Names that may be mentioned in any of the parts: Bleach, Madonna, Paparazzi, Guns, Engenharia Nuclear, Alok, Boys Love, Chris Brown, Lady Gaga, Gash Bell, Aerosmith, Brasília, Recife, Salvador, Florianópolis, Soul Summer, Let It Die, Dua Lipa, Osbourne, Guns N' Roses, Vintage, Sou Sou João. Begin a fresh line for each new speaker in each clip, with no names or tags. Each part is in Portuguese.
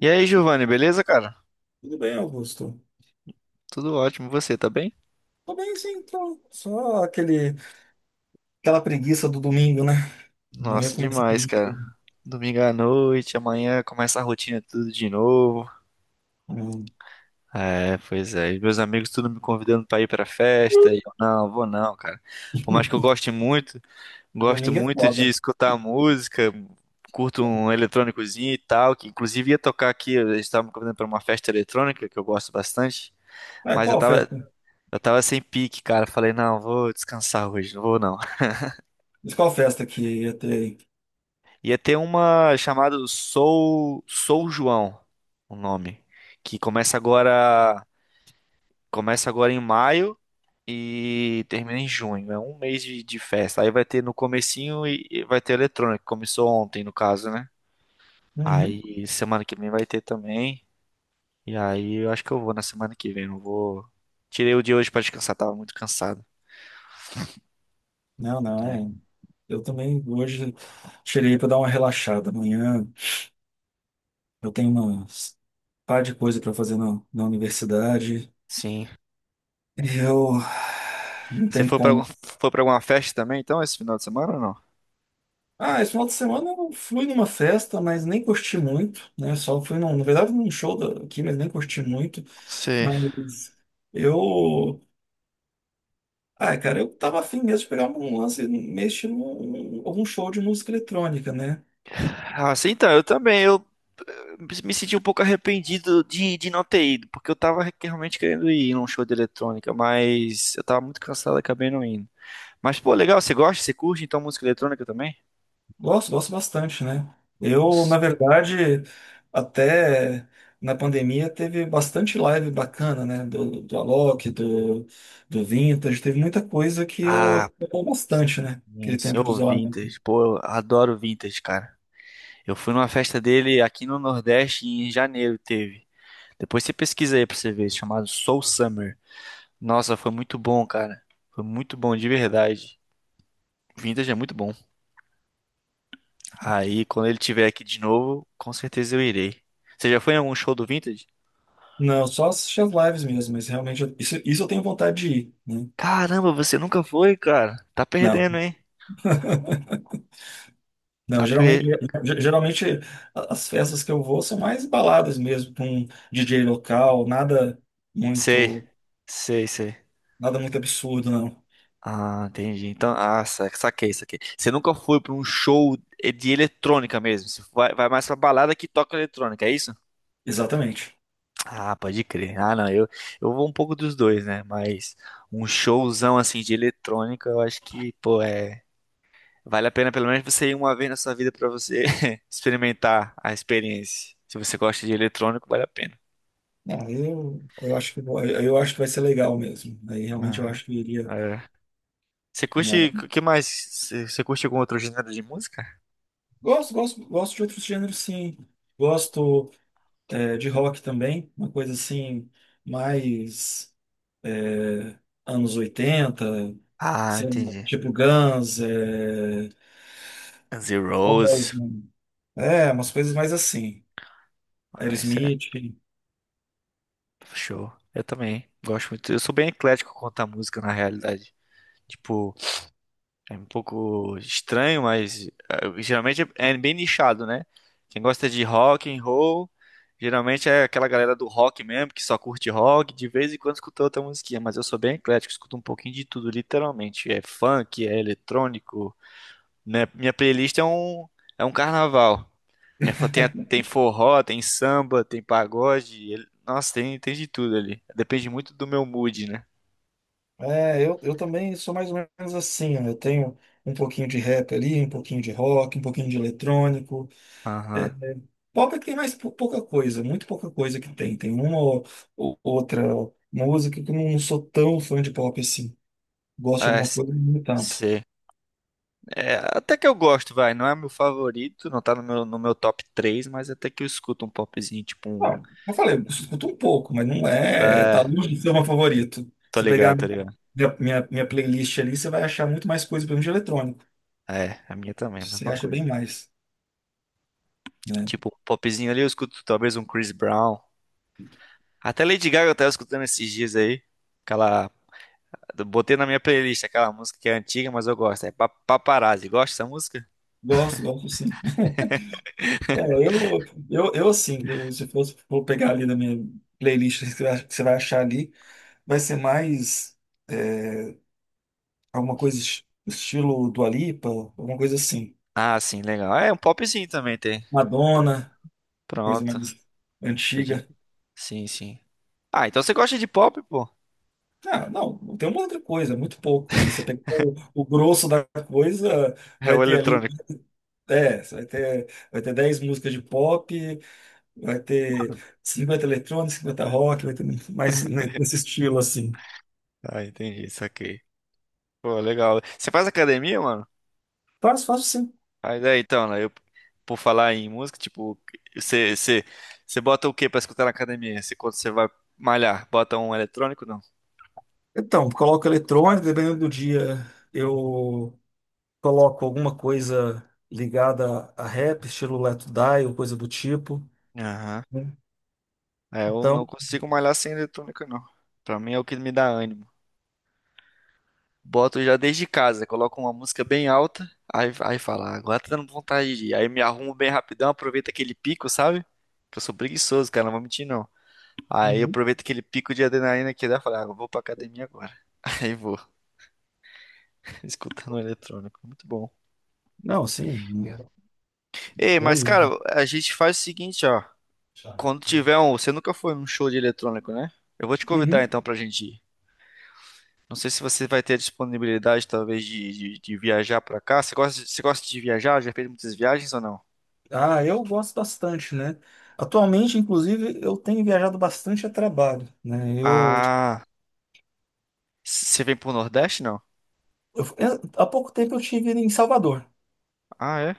E aí, Giovanni, beleza, cara?
Tudo bem, Augusto?
Tudo ótimo, você tá bem?
Tô bem, sim, tô. Aquela preguiça do domingo, né? Amanhã
Nossa,
começa tudo
demais,
de
cara.
novo.
Domingo à noite, amanhã começa a rotina tudo de novo.
Hum.
É, pois é. E meus amigos tudo me convidando pra ir pra festa. E eu, não, vou não, cara. Por mais que eu goste muito, gosto
Domingo é
muito de
foda.
escutar música, curto um eletrônicozinho e tal, que inclusive ia tocar aqui, eles estavam me convidando pra uma festa eletrônica, que eu gosto bastante,
Ah,
mas eu
qual
tava,
festa?
eu tava sem pique, cara. Falei, não, vou descansar hoje, não vou não.
Mas qual festa que ia ter aí?
Ia ter uma chamada Sou João, o nome, que começa agora em maio e termina em junho. É um mês de festa. Aí vai ter no comecinho e vai ter eletrônico, que começou ontem no caso, né?
Uhum.
Aí semana que vem vai ter também. E aí eu acho que eu vou na semana que vem, não vou. Tirei o dia hoje pra descansar, tava muito cansado,
Não, não,
né?
é. Eu também hoje tirei para dar uma relaxada. Amanhã eu tenho umas par de coisa para fazer na universidade.
Sim.
E eu não
Você
tenho como.
foi para alguma festa também, então, esse final de semana ou não?
Ah, esse final de semana eu fui numa festa, mas nem curti muito, né? Só fui, num, na verdade, num show da- aqui, mas nem curti muito.
Sim.
Mas eu. Ah, cara, eu tava afim mesmo de pegar um lance, mexer num algum show de música eletrônica, né?
Ah, sim, então, eu também, eh, me senti um pouco arrependido de não ter ido, porque eu tava realmente querendo ir num show de eletrônica, mas eu tava muito cansado e acabei não indo. Mas, pô, legal, você gosta, você curte, então, música eletrônica também?
Gosto, gosto bastante, né? Eu,
Nossa.
na verdade, até na pandemia teve bastante live bacana, né? Do Alok, do Vintage, teve muita coisa que
Ah,
eu
pô,
acompanhei bastante, né?
sim,
Aquele tempo de
senhor
isolamento.
Vintage, pô, eu adoro Vintage, cara. Eu fui numa festa dele aqui no Nordeste em janeiro, teve. Depois você pesquisa aí pra você ver, chamado Soul Summer. Nossa, foi muito bom, cara. Foi muito bom, de verdade. Vintage é muito bom. Aí, quando ele tiver aqui de novo, com certeza eu irei. Você já foi em algum show do Vintage?
Não, só assistir as lives mesmo, mas realmente isso, isso eu tenho vontade de ir, né?
Caramba, você nunca foi, cara. Tá
Não.
perdendo, hein?
Não,
Tá per...
geralmente, ge- Geralmente as festas que eu vou são mais baladas mesmo, com DJ local,
Sei,
muito,
sei, sei.
nada muito absurdo, não.
Ah, entendi. Então, ah, saquei, saquei. Você nunca foi pra um show de eletrônica mesmo. Você vai mais pra balada que toca eletrônica, é isso?
Exatamente.
Ah, pode crer. Ah, não, eu vou um pouco dos dois, né? Mas um showzão assim de eletrônica, eu acho que, pô, é. Vale a pena pelo menos você ir uma vez na sua vida pra você experimentar a experiência. Se você gosta de eletrônico, vale a pena.
Não, eu acho que vou- eu acho que vai ser legal mesmo. Aí realmente eu
Ah,
acho que eu iria,
é. Você
né?
curte, o que mais? Você curte algum outro gênero de música?
Gosto, gosto de outros gêneros, sim. Gosto, é, de rock também, uma coisa assim mais, é, anos oitenta,
Ah,
sei lá,
entendi.
tipo Guns, é,
Guns N' Roses.
Osbourne, é, umas coisas mais assim.
Ah, isso é
Aerosmith.
show. Eu também gosto muito. Eu sou bem eclético quanto à música, na realidade. Tipo, é um pouco estranho, mas geralmente é bem nichado, né? Quem gosta de rock and roll, geralmente é aquela galera do rock mesmo, que só curte rock, de vez em quando escuta outra musiquinha, mas eu sou bem eclético, escuto um pouquinho de tudo, literalmente. É funk, é eletrônico, né? Minha playlist é um carnaval. É, tem, tem forró, tem samba, tem pagode, nossa, tem de tudo ali. Depende muito do meu mood, né?
É, eu também sou mais ou menos assim. Ó, eu tenho um pouquinho de rap ali, um pouquinho de rock, um pouquinho de eletrônico. É,
Aham.
é, Pop é que tem pouca coisa, muito pouca coisa que tem. Tem uma ou outra música que eu não sou tão fã de pop assim. Gosto de
É,
alguma coisa, mas não tanto.
sei. É, até que eu gosto, vai. Não é meu favorito, não tá no meu, top três, mas até que eu escuto um popzinho, tipo um.
Ah, eu falei, eu escuto um pouco, mas não é.
É,
Tá longe de ser o meu favorito.
tô
Você
ligado,
pegar
tô ligado.
minha playlist ali, você vai achar muito mais coisa, pelo menos de eletrônico.
É, a minha também, a
Você
mesma
acha bem
coisa.
mais, né?
Tipo, um popzinho ali eu escuto talvez um Chris Brown. Até Lady Gaga eu tava escutando esses dias aí. Aquela. Botei na minha playlist aquela música que é antiga, mas eu gosto. É Paparazzi. Gosta dessa música?
Gosto, gosto sim. É, eu, eu assim, eu, se fosse for pegar ali na minha playlist, que você vai achar ali, vai ser mais, é, alguma coisa estilo Dua Lipa, alguma coisa assim.
Ah, sim, legal. É, um popzinho também tem. P-
Madonna, coisa
Pronto.
mais
Pode-
antiga.
Sim, sim. Ah, então você gosta de pop, pô?
Ah, não, não tem uma outra coisa, é muito pouco, né? Você pegar o grosso da coisa,
É
vai
o
ter ali,
eletrônico.
é, vai ter 10 músicas de pop, vai ter 50 eletrônicos, 50 rock, vai ter mais nesse estilo assim.
Ah, entendi, saquei. Pô, legal. Você faz academia, mano?
Faz, faço sim.
Aí, daí, então, né? Por falar em música, tipo, você, você, você bota o que pra escutar na academia? Você, quando você vai malhar, bota um eletrônico, não?
Então, coloco eletrônico, dependendo do dia, eu coloco alguma coisa ligada a rap, estilo Let It Die ou coisa do tipo,
Aham.
né?
É, eu
Então,
não consigo malhar sem eletrônica, não. Pra mim é o que me dá ânimo. Boto já desde casa, coloco uma música bem alta, aí fala, "Ah, agora tá dando vontade de ir. Aí me arrumo bem rapidão, aproveito aquele pico, sabe? Que eu sou preguiçoso, cara, não vou mentir, não. Aí eu
uhum.
aproveito aquele pico de adrenalina que dá, falo, ah, eu vou pra academia agora. Aí vou. Escutando o eletrônico, muito bom.
Não, sim,
Ei,
bom
mas cara,
mesmo.
a gente faz o seguinte, ó. Quando tiver um, você nunca foi num show de eletrônico, né? Eu vou te convidar
Uhum.
então pra gente ir. Não sei se você vai ter a disponibilidade, talvez, de viajar pra cá. Você gosta, você gosta de viajar? Já fez muitas viagens ou não?
Ah, eu gosto bastante, né? Atualmente, inclusive, eu tenho viajado bastante a trabalho, né?
Ah, você vem pro Nordeste, não?
Há pouco tempo eu estive em Salvador.
Ah, é?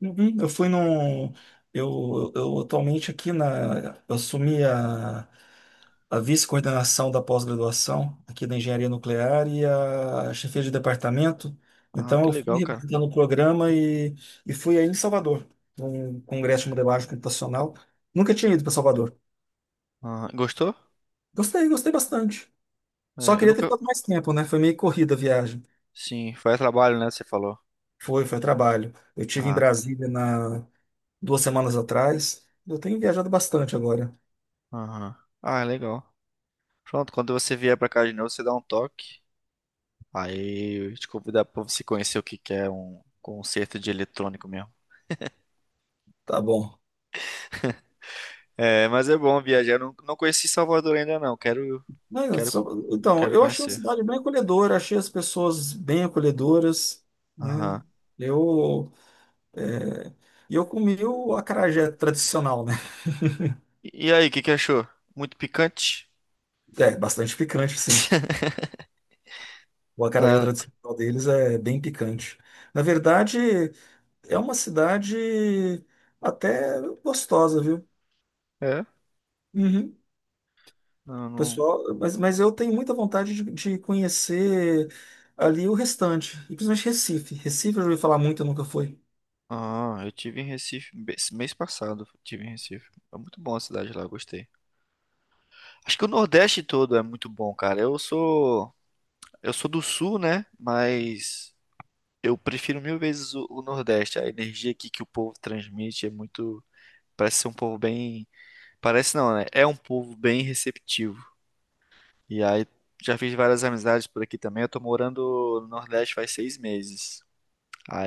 Uhum. Eu atualmente aqui na, eu assumi a vice-coordenação da pós-graduação aqui da Engenharia Nuclear e a chefia de departamento.
Ah,
Então,
que
eu fui
legal, cara.
representando o programa e fui aí em Salvador, num congresso de modelagem computacional. Nunca tinha ido para Salvador.
Ah, gostou?
Gostei, gostei bastante. Só
É, eu
queria ter
nunca.
ficado mais tempo, né? Foi meio corrida a viagem.
Sim, foi a trabalho, né? Você falou.
Foi, foi trabalho. Eu tive em
Ah,
Brasília na duas semanas atrás. Eu tenho viajado bastante agora.
aham. Ah, legal. Pronto, quando você vier pra cá de novo, você dá um toque. Aí eu te convidar pra você conhecer o que que é um concerto de eletrônico mesmo.
Tá bom.
É, mas é bom viajar. Eu Não, não conheci Salvador ainda não. Quero, quero,
Então,
quero
eu achei uma
conhecer.
cidade bem acolhedora, achei as pessoas bem acolhedoras,
Aham.
né? Eu, é, e eu comi o acarajé tradicional, né?
E aí, o que que achou? Muito picante?
É, bastante picante, sim. O acarajé
Tá,
tradicional deles é bem picante. Na verdade, é uma cidade até gostosa, viu?
é?
Uhum.
Não, não.
Pessoal, mas eu tenho muita vontade de conhecer ali o restante, e principalmente Recife. Recife eu já ouvi falar muito, eu nunca fui.
Ah, eu tive em Recife esse mês passado. Eu tive em Recife. É muito bom a cidade lá, eu gostei. Acho que o Nordeste todo é muito bom, cara. Eu sou do Sul, né? Mas eu prefiro mil vezes o Nordeste. A energia aqui que o povo transmite é muito. Parece ser um povo bem. Parece não, né? É um povo bem receptivo. E aí já fiz várias amizades por aqui também. Eu tô morando no Nordeste faz 6 meses.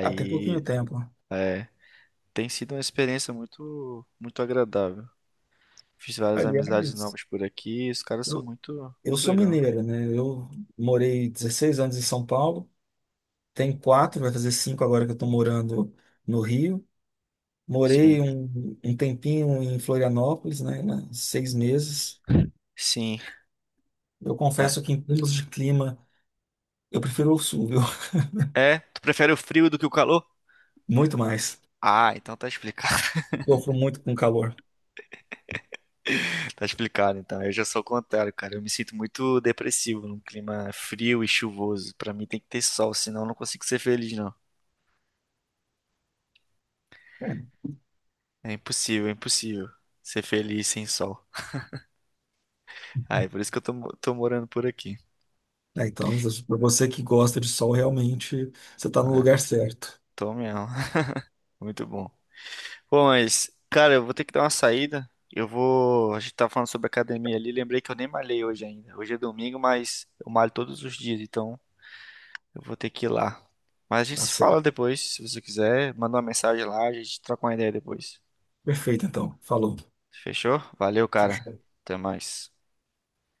Até pouquinho tempo.
é, tem sido uma experiência muito, muito agradável. Fiz várias amizades
Aliás,
novas por aqui. Os caras são
eu,
muito,
eu
muito
sou
legal.
mineira, né? Eu morei 16 anos em São Paulo, tem quatro, vai fazer cinco agora que eu estou morando no Rio.
Sim,
Morei um tempinho em Florianópolis, né? Né, 6 meses.
sim.
Eu
É.
confesso que em termos de clima, eu prefiro o sul, viu?
É? Tu prefere o frio do que o calor?
Muito mais.
Ah, então tá explicado.
Eu sofro muito com calor.
Tá explicado, então. Eu já sou o contrário, cara. Eu me sinto muito depressivo num clima frio e chuvoso. Pra mim tem que ter sol, senão eu não consigo ser feliz, não.
É.
É impossível ser feliz sem sol. Ah, é por isso que eu tô morando por aqui.
É, então, para você que gosta de sol, realmente você está no
Ah, é.
lugar certo.
Tô mesmo. Muito bom. Bom, mas, cara, eu vou ter que dar uma saída. Eu vou. A gente tava falando sobre academia ali. Lembrei que eu nem malhei hoje ainda. Hoje é domingo, mas eu malho todos os dias, então. Eu vou ter que ir lá. Mas a gente
Tá
se fala
certo.
depois, se você quiser. Manda uma mensagem lá, a gente troca uma ideia depois.
Perfeito, então. Falou.
Fechou? Valeu,
Tchau,
cara.
tchau.
Até mais.